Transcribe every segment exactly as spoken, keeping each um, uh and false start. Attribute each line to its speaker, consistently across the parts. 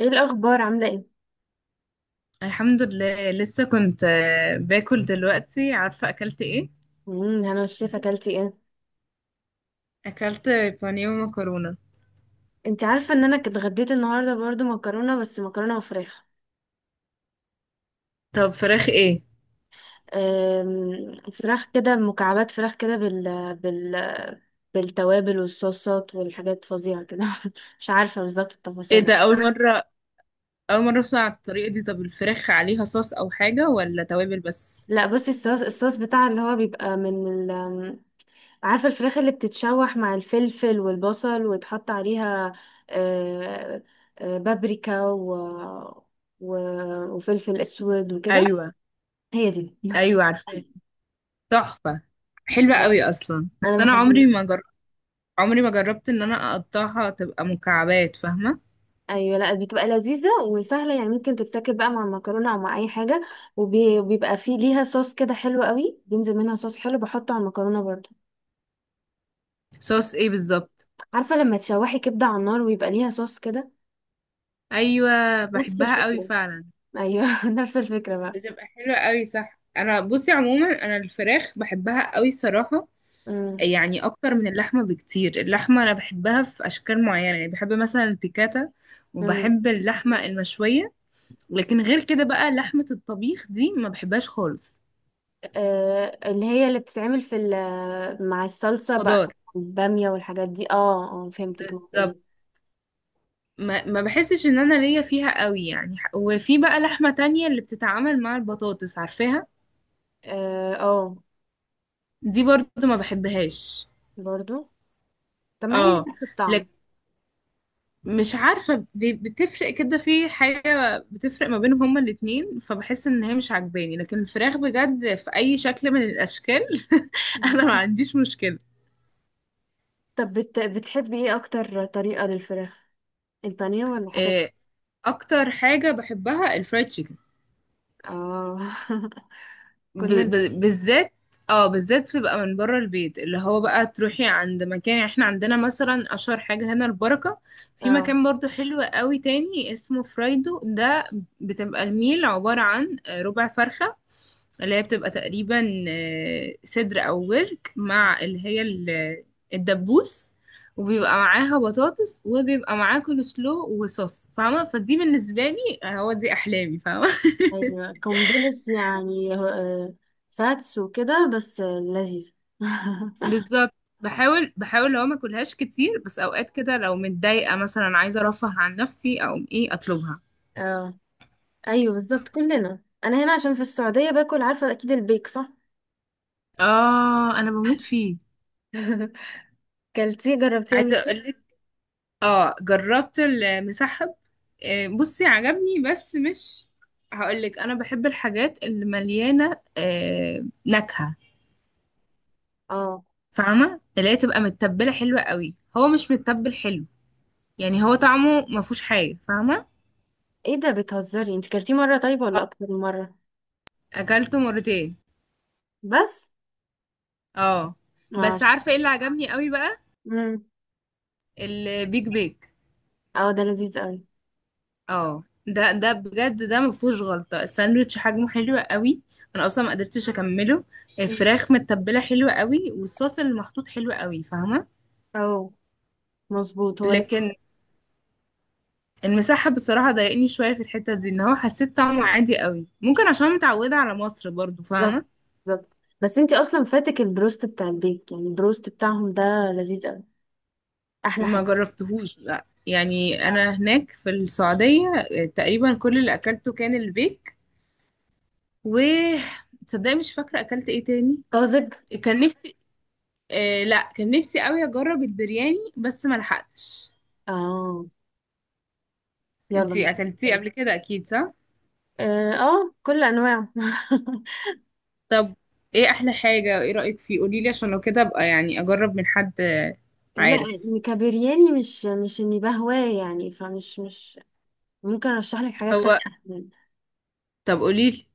Speaker 1: ايه الاخبار؟ عامله ايه؟
Speaker 2: الحمد لله لسه كنت آه، باكل دلوقتي. عارفة أكلت إيه؟
Speaker 1: امم انا والشيف، اكلتي ايه؟
Speaker 2: أكلت بانيه ومكرونة.
Speaker 1: انت عارفه ان انا كنت اتغديت النهارده برضو مكرونه، بس مكرونه وفراخ.
Speaker 2: طب فراخ إيه؟
Speaker 1: أم، فراخ كده مكعبات، فراخ كده بال بال بالتوابل والصوصات والحاجات فظيعه كده. مش عارفه بالظبط
Speaker 2: إيه
Speaker 1: التفاصيل.
Speaker 2: ده أول مرة؟ أول مرة أسمع الطريقة دي. طب الفراخ عليها صوص أو حاجة ولا توابل بس؟
Speaker 1: لا، بصي، الصوص الصوص بتاع اللي هو بيبقى من ال... أم، عارفه الفراخ اللي بتتشوح مع الفلفل والبصل، ويتحط عليها أه، أه، بابريكا و... و... وفلفل اسود وكده.
Speaker 2: أيوة،
Speaker 1: هي دي.
Speaker 2: أيوة، عارفاه. تحفة. حلوة
Speaker 1: آه،
Speaker 2: قوي أصلا،
Speaker 1: انا
Speaker 2: بس أنا عمري
Speaker 1: بحبها.
Speaker 2: ما جر... عمري ما جربت إن أنا أقطعها تبقى مكعبات، فاهمة؟
Speaker 1: ايوه، لا، بتبقى لذيذه وسهله، يعني ممكن تتاكل بقى مع المكرونه او مع اي حاجه. وبي- وبيبقى فيه ليها صوص كده حلو قوي، بينزل منها صوص حلو بحطه على المكرونه برضو.
Speaker 2: صوص إيه بالظبط؟
Speaker 1: عارفه لما تشوحي كبده على النار، ويبقى ليها صوص كده.
Speaker 2: أيوة،
Speaker 1: نفس
Speaker 2: بحبها قوي
Speaker 1: الفكره.
Speaker 2: فعلا.
Speaker 1: ايوه، نفس الفكره بقى.
Speaker 2: بتبقى حلوة قوي، صح. انا بصي عموما انا الفراخ بحبها قوي صراحة،
Speaker 1: امم.
Speaker 2: يعني اكتر من اللحمه بكتير. اللحمه انا بحبها في اشكال معينه، يعني بحب مثلا البيكاتا
Speaker 1: امم.
Speaker 2: وبحب اللحمه المشويه. لكن غير كده بقى لحمه الطبيخ دي ما بحبهاش خالص.
Speaker 1: آه، اللي هي اللي بتتعمل في ال- مع الصلصه بقى.
Speaker 2: خضار.
Speaker 1: الباميه والحاجات دي، اه اه، فهمتك. ايه
Speaker 2: بالظبط.
Speaker 1: ده.
Speaker 2: ما, ما بحسش ان انا ليا فيها قوي يعني، وفي بقى لحمه تانية اللي بتتعامل مع البطاطس، عارفاها؟
Speaker 1: اه، آه،
Speaker 2: دي برضو ما بحبهاش.
Speaker 1: برضو. طب ما هي
Speaker 2: اه،
Speaker 1: نفس الطعم.
Speaker 2: مش عارفة بي- بتفرق كده، في حاجة بتفرق ما بينهم هما الاتنين، فبحس ان هي مش عجباني. لكن الفراخ بجد في اي شكل من الاشكال انا ما عنديش مشكلة.
Speaker 1: طب بت... بتحبي ايه اكتر طريقة للفراخ؟ البانيه ولا حاجات؟
Speaker 2: إيه، اكتر حاجة بحبها الفرايد تشيكن.
Speaker 1: اه،
Speaker 2: ب...
Speaker 1: كلنا.
Speaker 2: ب... بالذات، اه، بالذات تبقى من بره البيت، اللي هو بقى تروحي عند مكان. احنا عندنا مثلا اشهر حاجة هنا البركة. في
Speaker 1: اه.
Speaker 2: مكان برضو حلو قوي تاني اسمه فرايدو ده. بتبقى الميل عبارة عن ربع فرخة، اللي هي بتبقى تقريبا آه، صدر او ورك مع اللي هي ال- الدبوس. وبيبقى معاها بطاطس وبيبقى معاه كول سلو وصوص، فاهمة؟ فدي بالنسبة لي هو دي أحلامي، فاهمة.
Speaker 1: ايوه، قنبلة يعني، آه، فاتس وكده، بس آه، لذيذة.
Speaker 2: بالظبط. بحاول بحاول لو ما اكلهاش كتير، بس اوقات كده لو متضايقه مثلا عايزه ارفه عن نفسي اقوم ايه اطلبها.
Speaker 1: اه، ايوه، بالظبط كلنا. انا هنا عشان في السعودية باكل، عارفة اكيد، البيك صح؟
Speaker 2: اه، انا بموت فيه.
Speaker 1: كلتيه؟ جربتيه قبل
Speaker 2: عايزه
Speaker 1: كده؟
Speaker 2: اقول لك، اه جربت المسحب. آه، بصي عجبني بس مش، هقول لك انا بحب الحاجات اللي مليانه آه، نكهه،
Speaker 1: اه.
Speaker 2: فاهمه. اللي هي تبقى متبله حلوه قوي، هو مش متبل حلو. يعني هو طعمه ما فيهوش حاجه، فاهمه.
Speaker 1: ايه ده، بتهزري؟ انت كلتيه مرة طيب ولا اكتر من مرة؟
Speaker 2: اكلته مرتين.
Speaker 1: بس.
Speaker 2: اه. بس
Speaker 1: ماشي.
Speaker 2: عارفه ايه اللي عجبني قوي بقى؟
Speaker 1: مم.
Speaker 2: البيج بيك.
Speaker 1: اه، ده لذيذ قوي.
Speaker 2: اه، ده ده بجد ده ما فيهوش غلطه. الساندوتش حجمه حلو قوي، انا اصلا ما قدرتش اكمله.
Speaker 1: مم.
Speaker 2: الفراخ متبله حلوه قوي، والصوص اللي محطوط حلو قوي، فاهمه.
Speaker 1: اه، مظبوط هو.
Speaker 2: لكن المساحه بصراحه ضايقني شويه في الحته دي، ان هو حسيت طعمه عادي قوي، ممكن عشان متعوده على مصر برضو،
Speaker 1: بالظبط
Speaker 2: فاهمه.
Speaker 1: بالظبط. بس انتي اصلا فاتك البروست بتاع البيك، يعني البروست بتاعهم ده لذيذ قوي، احلى
Speaker 2: ما
Speaker 1: حاجه.
Speaker 2: جربتهوش لا، يعني انا هناك في السعوديه آه، تقريبا كل اللي اكلته كان البيك. و، تصدقي مش فاكره اكلت ايه تاني.
Speaker 1: طازج.
Speaker 2: كان نفسي، آه لا كان نفسي قوي اجرب البرياني، بس ما لحقتش.
Speaker 1: اه، يلا،
Speaker 2: انتي
Speaker 1: مش
Speaker 2: اكلتيه
Speaker 1: مشكلة.
Speaker 2: قبل كده اكيد صح؟
Speaker 1: اه، آه، كل انواعه.
Speaker 2: طب ايه احلى حاجة؟ ايه رأيك فيه؟ قوليلي عشان لو كده ابقى يعني اجرب من حد.
Speaker 1: لا
Speaker 2: عارف.
Speaker 1: يعني، كبرياني، مش مش اني بهواه، يعني فمش مش. ممكن ارشح لك حاجات تانية
Speaker 2: هو،
Speaker 1: احسن.
Speaker 2: طب قوليلي.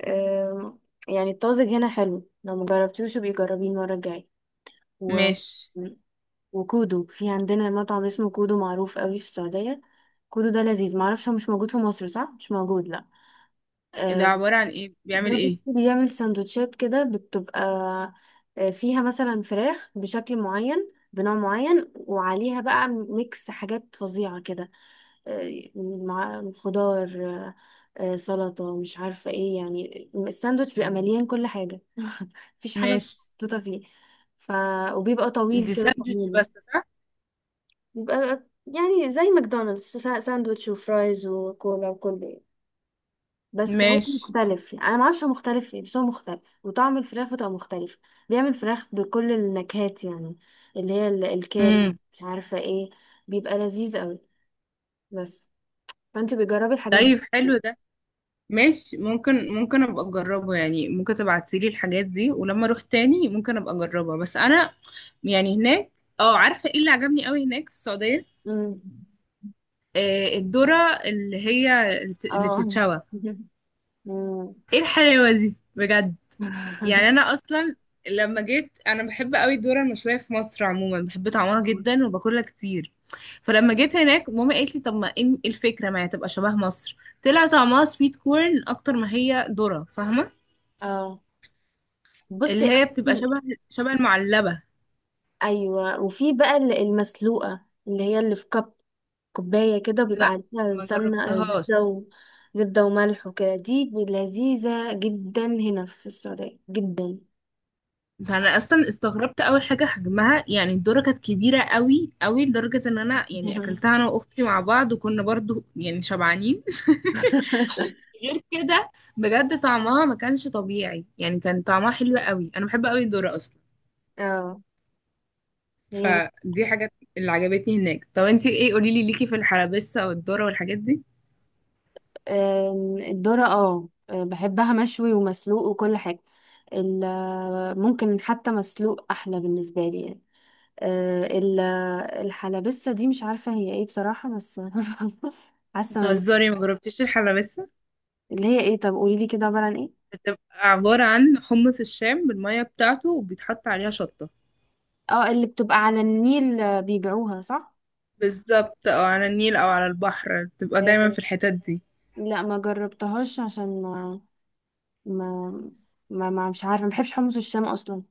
Speaker 1: آه. يعني الطازج هنا حلو، لو مجربتيهوش بيجربيه جربيه المره الجايه. و...
Speaker 2: ماشي.
Speaker 1: وكودو، في عندنا مطعم اسمه كودو، معروف قوي في السعوديه. كودو ده لذيذ، معرفش، هو مش موجود في مصر صح، مش موجود لا.
Speaker 2: ده
Speaker 1: آه،
Speaker 2: عبارة عن ايه؟ بيعمل
Speaker 1: ده
Speaker 2: ايه؟
Speaker 1: بص بيعمل سندوتشات كده، بتبقى آه، فيها مثلا فراخ بشكل معين، بنوع معين، وعليها بقى ميكس حاجات فظيعة كده، آه، مع خضار، آه، آه، سلطة، مش عارفة ايه، يعني الساندوتش بيبقى مليان كل حاجة، مفيش حاجة
Speaker 2: ماشي.
Speaker 1: محطوطة فيه. ف... وبيبقى طويل
Speaker 2: دي
Speaker 1: كده،
Speaker 2: ساندوتش
Speaker 1: طويل.
Speaker 2: بس صح؟
Speaker 1: بيبقى يعني زي ماكدونالدس، ساندوتش وفرايز وكولا وكله، بس هو
Speaker 2: ماشي.
Speaker 1: مختلف. يعني انا ما اعرفش هو مختلف ايه، بس هو مختلف، وطعم الفراخ بتبقى مختلف. بيعمل فراخ بكل النكهات، يعني اللي هي ال- الكاري،
Speaker 2: امم.
Speaker 1: مش عارفه ايه. بيبقى لذيذ قوي. بس. فانت بتجربي الحاجات دي.
Speaker 2: طيب حلو ده. ماشي، ممكن ممكن ابقى اجربه، يعني ممكن تبعتيلي الحاجات دي ولما اروح تاني ممكن ابقى اجربها. بس انا يعني هناك، اه عارفه ايه اللي عجبني قوي هناك في السعوديه؟
Speaker 1: امم.
Speaker 2: آه الذره، اللي هي الت- اللي
Speaker 1: اه.
Speaker 2: بتتشوى. ايه الحلاوه دي بجد! يعني انا اصلا لما جيت، انا بحب قوي الذره المشويه في مصر عموما، بحب طعمها
Speaker 1: أمم.
Speaker 2: جدا وباكلها كتير. فلما جيت هناك، ماما قالت لي طب ما ايه الفكره، ما هي تبقى شبه مصر. طلع طعمها سويت كورن اكتر ما هي ذره، فاهمه.
Speaker 1: اه، بصي
Speaker 2: اللي هي بتبقى
Speaker 1: اصلا.
Speaker 2: شبه شبه المعلبة.
Speaker 1: ايوه، وفي بقى ال- المسلوقه، اللي هي اللي في كب كوباية كده، وبيبقى
Speaker 2: لا
Speaker 1: عليها
Speaker 2: ما
Speaker 1: سمنة، آه،
Speaker 2: جربتهاش.
Speaker 1: زبدة و... زبدة وملح وكده. دي لذيذة جدا، هنا في السعودية جدا.
Speaker 2: ده انا اصلا استغربت اول حاجة حجمها، يعني الدورة كانت كبيرة قوي قوي، لدرجة ان انا يعني اكلتها انا واختي مع بعض وكنا برضو يعني شبعانين. غير كده، بجد طعمها ما كانش طبيعي، يعني كان طعمها حلو قوي. انا بحب قوي الدورة اصلا.
Speaker 1: اه. هي بت-
Speaker 2: فدي حاجات اللي عجبتني هناك. طب انتي ايه؟ قوليلي ليكي في الحلبسة والدورة والحاجات دي.
Speaker 1: آم، الذرة، اه آه، بحبها مشوي ومسلوق وكل حاجة. ال- آه، ممكن حتى مسلوق أحلى بالنسبة لي يعني. آه، ال- آه، الحلبسة دي مش عارفة هي ايه بصراحة، بس حاسة من-
Speaker 2: بتهزري! ما جربتيش الحلبسة؟
Speaker 1: اللي هي ايه؟ طب قوليلي كده، عبارة عن ايه؟
Speaker 2: بتبقى عبارة عن حمص الشام بالمية بتاعته، وبيتحط عليها شطة.
Speaker 1: اه، اللي بتبقى على النيل، آه، بيبيعوها صح.
Speaker 2: بالظبط، او على النيل او على البحر، بتبقى دايما في الحتات دي.
Speaker 1: لا، ما جربتهاش، عشان ما ما ما, ما مش عارفه، ما بحبش حمص الشام اصلا.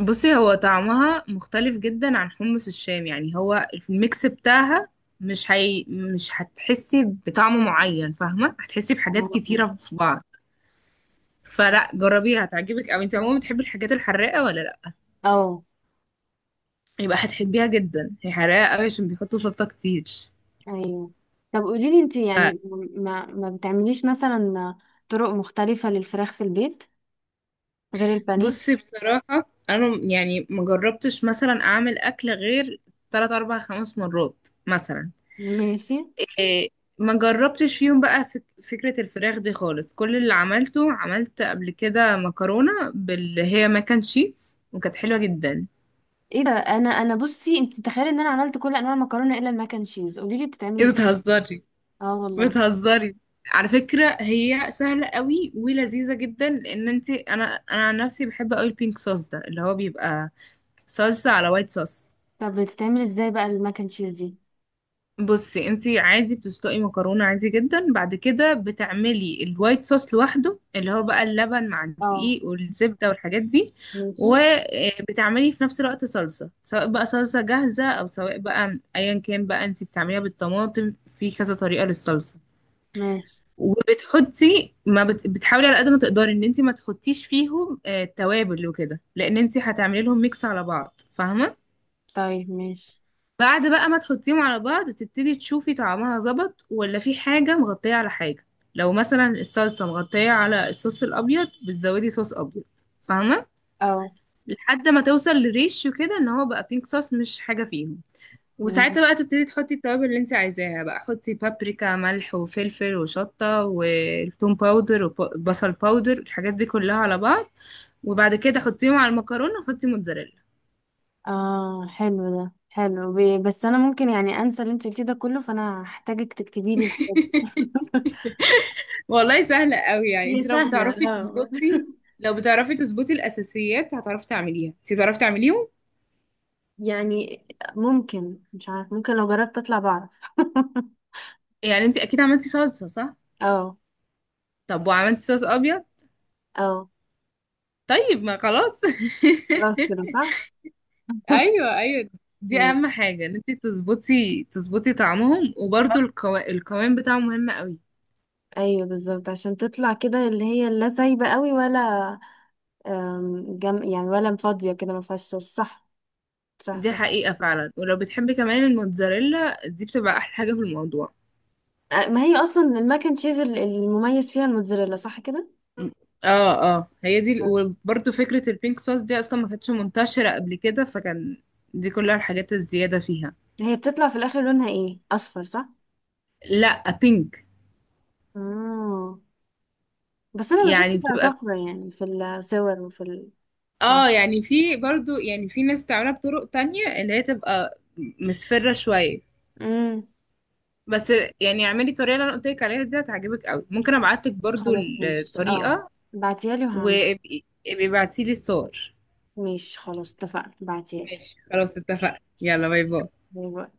Speaker 2: بصي هو طعمها مختلف جدا عن حمص الشام، يعني هو الميكس بتاعها. مش هي... مش هتحسي بطعم معين، فاهمة، هتحسي بحاجات كتيرة في بعض. فلا جربيها هتعجبك اوي. انت عموما بتحبي الحاجات الحراقة ولا لا؟
Speaker 1: اه.
Speaker 2: يبقى هتحبيها جدا، هي حراقة اوي عشان بيحطوا شطة كتير.
Speaker 1: ايوه. طب قولي لي انت، يعني ما ما بتعمليش مثلا طرق مختلفه للفراخ في البيت، غير البانيه.
Speaker 2: بصي بصراحة أنا يعني مجربتش مثلا أعمل أكل غير تلات أربع خمس مرات مثلا.
Speaker 1: ماشي.
Speaker 2: إيه، ما جربتش فيهم بقى فك فكرة الفراخ دي خالص. كل اللي عملته، عملت قبل كده مكرونة باللي هي ماكن تشيز، وكانت حلوة جدا.
Speaker 1: ايه ده؟ انا انا بصي، انت تخيلي ان انا عملت كل انواع المكرونه الا الماك اند تشيز. قولي لي بتتعمل
Speaker 2: إيه
Speaker 1: ازاي.
Speaker 2: بتهزري؟
Speaker 1: اه والله.
Speaker 2: بتهزري، على فكرة هي سهلة قوي ولذيذة جدا. لأن انت أنا أنا عن نفسي بحب قوي البينك صوص ده، اللي هو بيبقى صلصة على وايت صوص.
Speaker 1: طب بتتعمل ازاي بقى الماك اند تشيز دي؟
Speaker 2: بصي انتي عادي بتسلقي مكرونة عادي جدا، بعد كده بتعملي الوايت صوص لوحده، اللي هو بقى اللبن مع
Speaker 1: اه،
Speaker 2: الدقيق والزبدة والحاجات دي.
Speaker 1: ماشي.
Speaker 2: وبتعملي في نفس الوقت صلصة، سواء بقى صلصة جاهزة او سواء بقى ايا كان، بقى انتي بتعمليها بالطماطم في كذا طريقة للصلصة.
Speaker 1: ماشي.
Speaker 2: وبتحطي ما بت... بتحاولي على قد ما تقدري ان انتي ما تحطيش فيهم آه، توابل وكده، لان انتي هتعملي لهم ميكس على بعض، فاهمة.
Speaker 1: طيب، ماشي.
Speaker 2: بعد بقى ما تحطيهم على بعض، تبتدي تشوفي طعمها ظبط ولا في حاجة مغطية على حاجة. لو مثلا الصلصة مغطية على الصوص الأبيض، بتزودي صوص أبيض، فاهمة.
Speaker 1: اه
Speaker 2: لحد ما توصل لريشيو كده ان هو بقى بينك صوص، مش حاجة فيهم. وساعتها بقى تبتدي تحطي التوابل اللي انت عايزاها. بقى حطي بابريكا، ملح وفلفل وشطة وتوم باودر وبصل باودر، الحاجات دي كلها على بعض. وبعد كده حطيهم على المكرونة وحطي موتزاريلا.
Speaker 1: اه. حلو ده، حلو، ب- بس انا ممكن يعني انسى اللي انت قلتيه ده كله، فانا هحتاجك تكتبي لي الحاجات دي.
Speaker 2: والله سهلة قوي، يعني
Speaker 1: هي
Speaker 2: انت لو
Speaker 1: سهلة.
Speaker 2: بتعرفي
Speaker 1: اه.
Speaker 2: تظبطي، لو بتعرفي تظبطي الأساسيات هتعرفي تعمليها. انت بتعرفي تعمليهم،
Speaker 1: يعني ممكن، مش عارف، ممكن لو جربت اطلع بعرف.
Speaker 2: يعني انت أكيد عملتي صلصة صح؟
Speaker 1: اه.
Speaker 2: طب وعملتي صوص أبيض؟
Speaker 1: اه.
Speaker 2: طيب ما خلاص.
Speaker 1: خلاص، كده صح.
Speaker 2: أيوه، أيوه. دي أهم
Speaker 1: ماشي.
Speaker 2: حاجة، ان انت تظبطي تظبطي طعمهم. وبرده القو... القوام بتاعه مهم قوي.
Speaker 1: ايوه، بالظبط عشان تطلع كده اللي هي لا سايبه قوي، ولا آم، جم يعني، ولا فاضيه كده ما فيهاش صوص، صح. صح
Speaker 2: دي
Speaker 1: صح.
Speaker 2: حقيقة فعلا. ولو بتحبي كمان الموتزاريلا دي بتبقى أحلى حاجة في الموضوع.
Speaker 1: آه، ما هي اصلا الماك اند تشيز ال- المميز فيها الموتزاريلا صح كده.
Speaker 2: اه اه، هي دي. وبرده فكرة البينك صوص دي اصلا ما كانتش منتشرة قبل كده، فكان دي كلها الحاجات الزيادة فيها.
Speaker 1: هي بتطلع في الاخر لونها ايه، اصفر صح؟
Speaker 2: لا بينك.
Speaker 1: اه، بس انا
Speaker 2: يعني
Speaker 1: بشوفها
Speaker 2: بتبقى،
Speaker 1: صفرا يعني في الصور وفي ال... آه.
Speaker 2: اه يعني في برضو، يعني في ناس بتعملها بطرق تانية اللي هي تبقى مصفرة شوية.
Speaker 1: امم.
Speaker 2: بس يعني اعملي الطريقة اللي انا قلت لك عليها دي، هتعجبك قوي. ممكن ابعتلك برضو
Speaker 1: خلاص، ماشي. اه،
Speaker 2: الطريقة.
Speaker 1: بعتيها لي وهعمل.
Speaker 2: وابقي ابعتي لي الصور.
Speaker 1: ماشي، خلاص، اتفقنا، بعتيها لي.
Speaker 2: ماشي خلاص، اتفقنا. يلا باي باي.
Speaker 1: باي باي.